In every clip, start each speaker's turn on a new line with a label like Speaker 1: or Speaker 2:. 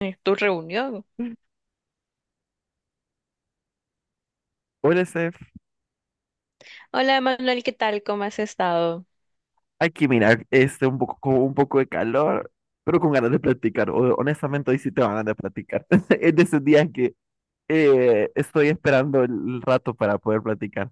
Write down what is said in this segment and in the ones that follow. Speaker 1: Tu reunión.
Speaker 2: Hola, Steph.
Speaker 1: Hola, Manuel, ¿qué tal? ¿Cómo has estado?
Speaker 2: Aquí, mira, este, un poco, con un poco de calor, pero con ganas de platicar. Honestamente, hoy sí te van a platicar. Es de esos días que estoy esperando el rato para poder platicar.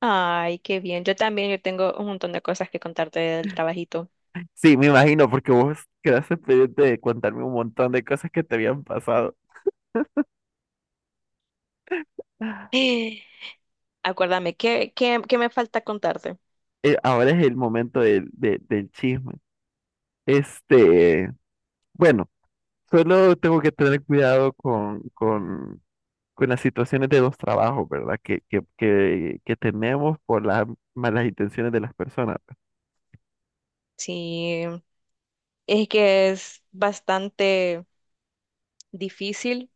Speaker 1: Ay, qué bien. Yo también, yo tengo un montón de cosas que contarte del trabajito.
Speaker 2: Sí, me imagino, porque vos quedaste pendiente de contarme un montón de cosas que te habían pasado.
Speaker 1: Eh, Acuérdame, ¿qué me falta contarte?
Speaker 2: Ahora es el momento del chisme. Este, bueno, solo tengo que tener cuidado con las situaciones de los trabajos, ¿verdad? Que tenemos por las malas intenciones de las personas. Pues.
Speaker 1: Sí, es que es bastante difícil.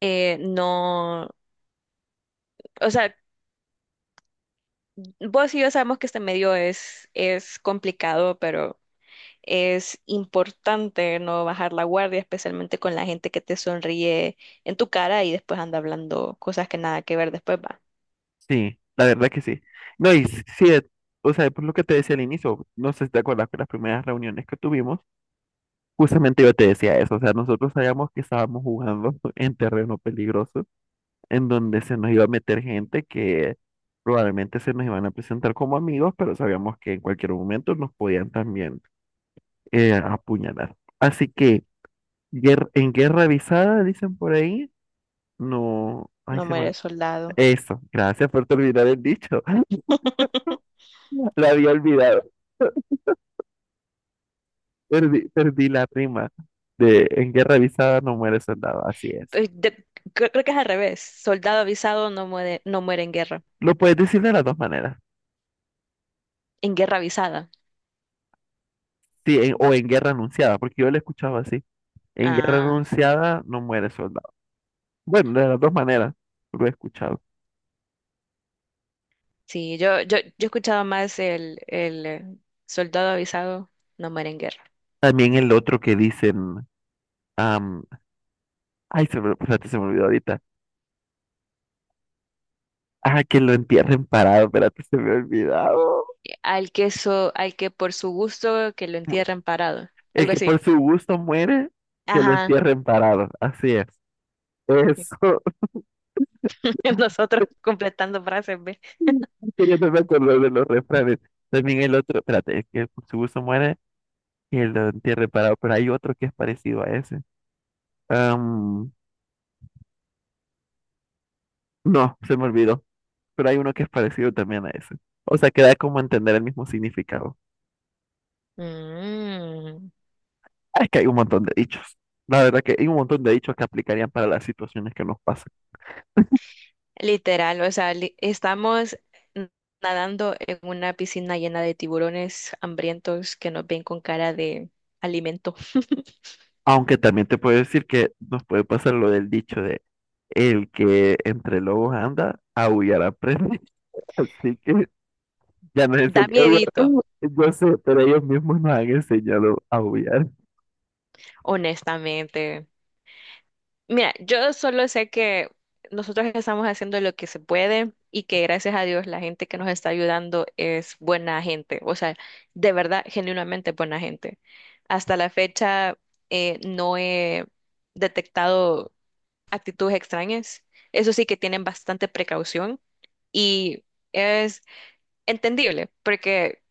Speaker 1: No, o sea, vos y yo sabemos que este medio es complicado, pero es importante no bajar la guardia, especialmente con la gente que te sonríe en tu cara y después anda hablando cosas que nada que ver después, va.
Speaker 2: Sí, la verdad que sí. No, y sí, o sea, por lo que te decía al inicio, no sé si te acuerdas que las primeras reuniones que tuvimos, justamente yo te decía eso, o sea, nosotros sabíamos que estábamos jugando en terreno peligroso, en donde se nos iba a meter gente que probablemente se nos iban a presentar como amigos, pero sabíamos que en cualquier momento nos podían también apuñalar. Así que... En guerra avisada, dicen por ahí. No, ay,
Speaker 1: No
Speaker 2: se me...
Speaker 1: muere soldado.
Speaker 2: Eso, gracias por terminar el dicho. La había olvidado. Perdí la rima de en guerra avisada no muere soldado, así es.
Speaker 1: Eh, de- creo que es al revés. Soldado avisado no muere, no muere en guerra.
Speaker 2: Lo puedes decir de las dos maneras.
Speaker 1: En guerra avisada.
Speaker 2: Sí, o en guerra anunciada, porque yo lo escuchaba así. En guerra
Speaker 1: Ah,
Speaker 2: anunciada no muere soldado. Bueno, de las dos maneras lo he escuchado.
Speaker 1: sí, yo he escuchado más el soldado avisado no muere en guerra.
Speaker 2: También el otro que dicen, am, ay, se me, espérate, se me olvidó ahorita. Ah, que lo entierren parado, espérate, se me ha olvidado.
Speaker 1: Al que por su gusto que lo entierren parado.
Speaker 2: El
Speaker 1: Algo
Speaker 2: que por
Speaker 1: así.
Speaker 2: su gusto muere, que lo
Speaker 1: Ajá.
Speaker 2: entierren parado. Así es. Eso.
Speaker 1: Nosotros completando frases, ¿ve?
Speaker 2: Que yo no me acuerdo de los refranes. También el otro, espérate, el que por su gusto muere, que lo entierren parado. Pero hay otro que es parecido a ese. Am, no, se me olvidó. Pero hay uno que es parecido también a ese. O sea, que da como a entender el mismo significado.
Speaker 1: Mm,
Speaker 2: Ah, es que hay un montón de dichos. La verdad que hay un montón de dichos que aplicarían para las situaciones que nos pasan.
Speaker 1: literal, o sea, li- estamos n- nadando en una piscina llena de tiburones hambrientos que nos ven con cara de alimento.
Speaker 2: Aunque también te puedo decir que nos puede pasar lo del dicho de el que entre lobos anda, aullar aprende. Así que ya nos
Speaker 1: Da
Speaker 2: enseñan. Ellos,
Speaker 1: miedito,
Speaker 2: yo sé, pero ellos mismos nos han enseñado a aullar.
Speaker 1: honestamente. Mira, yo solo sé que nosotros estamos haciendo lo que se puede y que gracias a Dios la gente que nos está ayudando es buena gente, o sea, de verdad, genuinamente buena gente. Hasta la fecha no he detectado actitudes extrañas. Eso sí que tienen bastante precaución y es entendible porque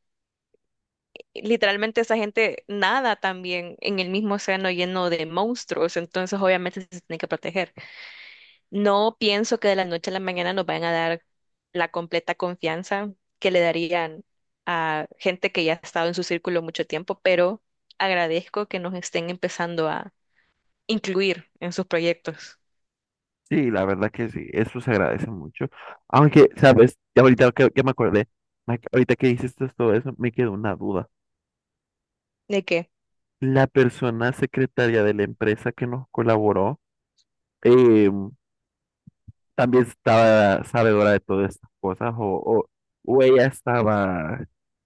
Speaker 1: literalmente esa gente nada también en el mismo océano lleno de monstruos, entonces obviamente se tienen que proteger. No pienso que de la noche a la mañana nos vayan a dar la completa confianza que le darían a gente que ya ha estado en su círculo mucho tiempo, pero agradezco que nos estén empezando a incluir en sus proyectos.
Speaker 2: Sí, la verdad que sí, eso se agradece mucho. Aunque, ¿sabes? Ya ahorita que me acordé, ahorita que dices todo eso, me quedó una duda.
Speaker 1: ¿De qué?
Speaker 2: La persona secretaria de la empresa que nos colaboró, eh, ¿también estaba sabedora de todas estas cosas o ella estaba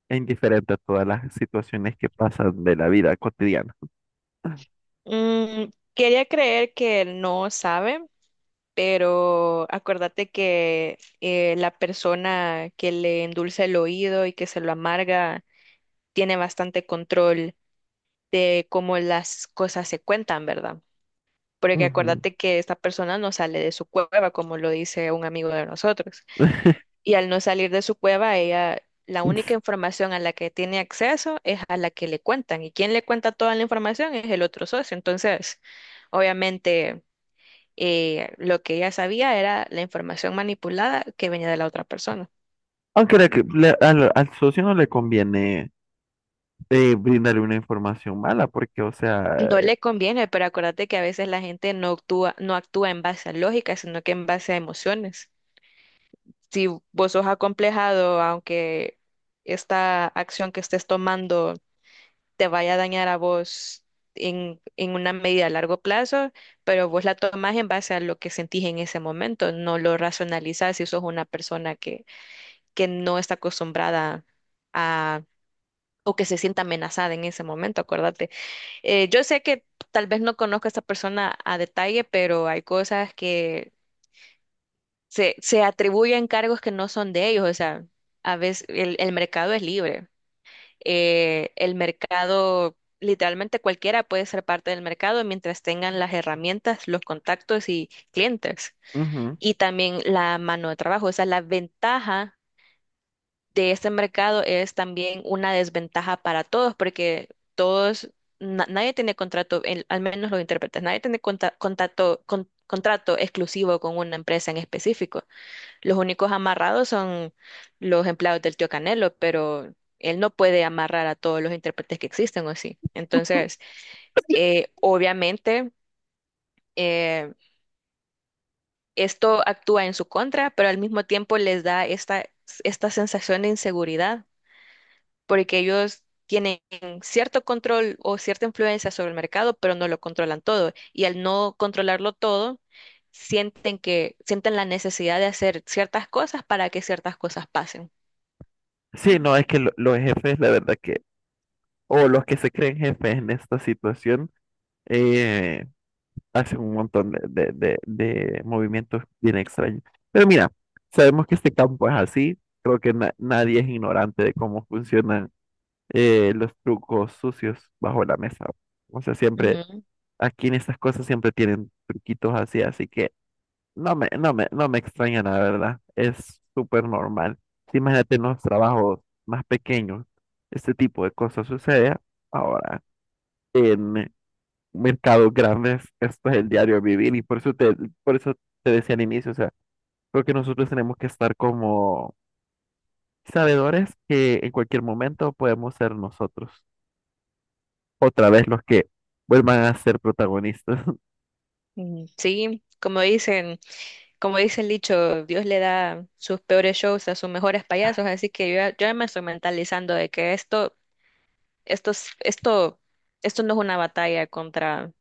Speaker 2: e indiferente a todas las situaciones que pasan de la vida cotidiana?
Speaker 1: Mm, quería creer que no sabe, pero acuérdate que la persona que le endulza el oído y que se lo amarga tiene bastante control de cómo las cosas se cuentan, ¿verdad? Porque
Speaker 2: Ujú.
Speaker 1: acuérdate que esta persona no sale de su cueva, como lo dice un amigo de nosotros. Y al no salir de su cueva, ella, la única información a la que tiene acceso es a la que le cuentan. Y quien le cuenta toda la información es el otro socio. Entonces, obviamente, lo que ella sabía era la información manipulada que venía de la otra persona.
Speaker 2: Aunque al socio no le conviene brindarle una información mala, porque, o sea,
Speaker 1: No le conviene, pero acuérdate que a veces la gente no actúa, no actúa en base a lógica, sino que en base a emociones. Si vos sos acomplejado, aunque esta acción que estés tomando te vaya a dañar a vos en una medida a largo plazo, pero vos la tomás en base a lo que sentís en ese momento, no lo racionalizás si sos una persona que no está acostumbrada o que se sienta amenazada en ese momento, acuérdate. Yo sé que tal vez no conozco a esta persona a detalle, pero hay cosas que se atribuyen cargos que no son de ellos, o sea, a veces el mercado es libre. El mercado, literalmente cualquiera puede ser parte del mercado mientras tengan las herramientas, los contactos y clientes.
Speaker 2: ujú.
Speaker 1: Y también la mano de trabajo, o sea, la ventaja de este mercado es también una desventaja para todos, porque todos, nadie tiene contrato, al menos los intérpretes, nadie tiene contrato exclusivo con una empresa en específico. Los únicos amarrados son los empleados del tío Canelo, pero él no puede amarrar a todos los intérpretes que existen, ¿o sí? Entonces, eh, obviamente, eh, esto actúa en su contra, pero al mismo tiempo les da esta sensación de inseguridad, porque ellos tienen cierto control o cierta influencia sobre el mercado, pero no lo controlan todo. Y al no controlarlo todo, sienten la necesidad de hacer ciertas cosas para que ciertas cosas pasen.
Speaker 2: Sí, no, es que los jefes, la verdad que, o los que se creen jefes en esta situación, eh, hacen un montón de movimientos bien extraños. Pero mira, sabemos que este campo es así, creo que nadie es ignorante de cómo funcionan los trucos sucios bajo la mesa. O sea, siempre,
Speaker 1: Ujú.
Speaker 2: aquí en estas cosas siempre tienen truquitos así, así que no me extraña, la verdad. Es súper normal. Sí, imagínate en los trabajos más pequeños, este tipo de cosas sucede. Ahora, en mercados grandes, esto es el diario vivir y por eso te decía al inicio, o sea, creo que nosotros tenemos que estar como sabedores que en cualquier momento podemos ser nosotros, otra vez los que vuelvan a ser protagonistas.
Speaker 1: Mm, sí, como dicen, como dice el dicho, Dios le da sus peores shows a sus mejores payasos, así que yo ya me estoy mentalizando de que esto, es- esto, esto no es una batalla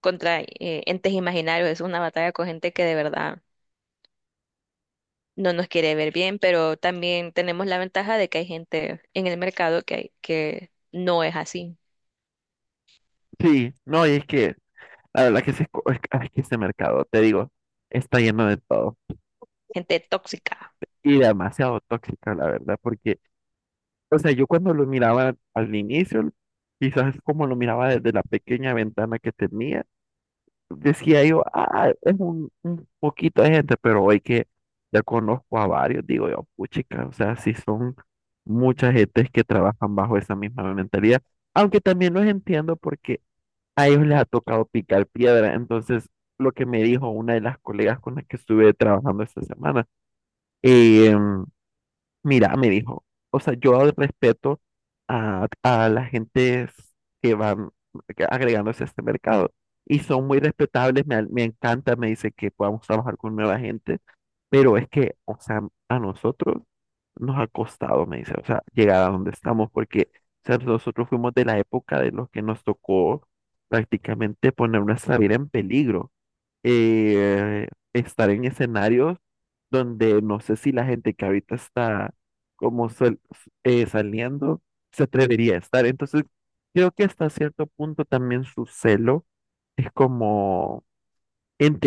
Speaker 1: contra entes imaginarios, es una batalla con gente que de verdad no nos quiere ver bien, pero también tenemos la ventaja de que hay gente en el mercado que no es así,
Speaker 2: Sí, no, y es que la verdad que, se, es que ese mercado, te digo, está lleno de todo.
Speaker 1: gente tóxica,
Speaker 2: Y demasiado tóxica, la verdad, porque, o sea, yo cuando lo miraba al inicio, quizás como lo miraba desde la pequeña ventana que tenía, decía yo, ah, es un poquito de gente, pero hoy que ya conozco a varios, digo yo, puchica, o sea, sí son muchas gentes que trabajan bajo esa misma mentalidad, aunque también los entiendo porque a ellos les ha tocado picar piedra, entonces, lo que me dijo una de las colegas con las que estuve trabajando esta semana, em, mira, me dijo, o sea, yo respeto a las gentes que van agregándose a este mercado y son muy respetables, me encanta, me dice que podamos trabajar con nueva gente, pero es que, o sea, a nosotros nos ha costado, me dice, o sea, llegar a donde estamos, porque, o sea, nosotros fuimos de la época de los que nos tocó prácticamente poner nuestra vida en peligro, eh, estar en escenarios donde no sé si la gente que ahorita está como sal- saliendo se atrevería a estar. Entonces, creo que hasta cierto punto también su celo es como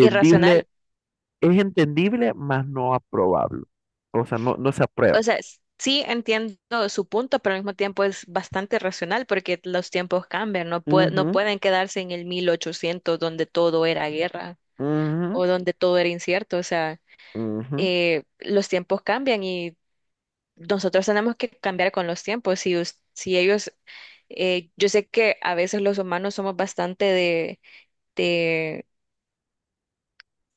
Speaker 1: irracional.
Speaker 2: es entendible, mas no aprobable. O sea, no, no se aprueba.
Speaker 1: O sea, sí entiendo su punto, pero al mismo tiempo es bastante racional porque los tiempos cambian, no
Speaker 2: Ujú,
Speaker 1: pueden quedarse en el 1800 donde todo era guerra
Speaker 2: ujú,
Speaker 1: o donde todo era incierto, o sea,
Speaker 2: ujú.
Speaker 1: los tiempos cambian y nosotros tenemos que cambiar con los tiempos. Si ellos, yo sé que a veces los humanos somos bastante de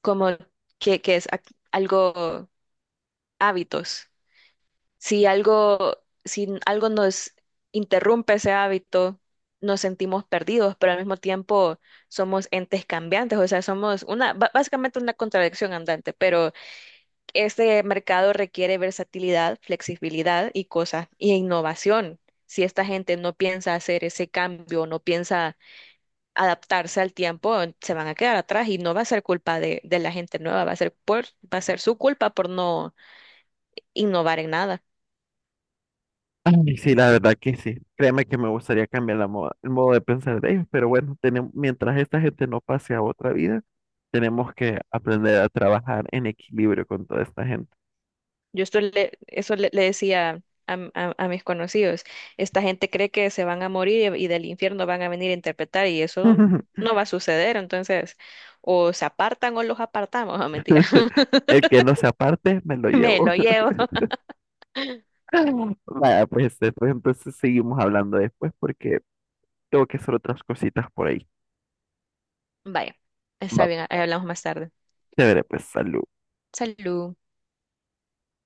Speaker 1: como que es algo hábitos. Si algo, si algo nos interrumpe ese hábito, nos sentimos perdidos, pero al mismo tiempo somos entes cambiantes, o sea, somos básicamente una contradicción andante, pero este mercado requiere versatilidad, flexibilidad y cosas, y innovación. Si esta gente no piensa hacer ese cambio, no piensa adaptarse al tiempo, se van a quedar atrás y no va a ser culpa de la gente nueva, va a ser su culpa por no innovar en nada.
Speaker 2: Ay, sí, la verdad que sí. Créeme que me gustaría cambiar la el modo de pensar de ellos, pero bueno, tenemos, mientras esta gente no pase a otra vida, tenemos que aprender a trabajar en equilibrio con toda esta gente.
Speaker 1: Yo esto le, eso le, le decía a mis conocidos, esta gente cree que se van a morir y del infierno van a venir a interpretar y eso no va a suceder, entonces o se apartan o los apartamos, no mentira,
Speaker 2: El que no se aparte, me lo
Speaker 1: me
Speaker 2: llevo.
Speaker 1: lo llevo.
Speaker 2: Vaya, pues después entonces seguimos hablando después porque tengo que hacer otras cositas por ahí.
Speaker 1: Vaya, está
Speaker 2: Va,
Speaker 1: bien, ahí hablamos más tarde.
Speaker 2: chévere, pues salud.
Speaker 1: Salud.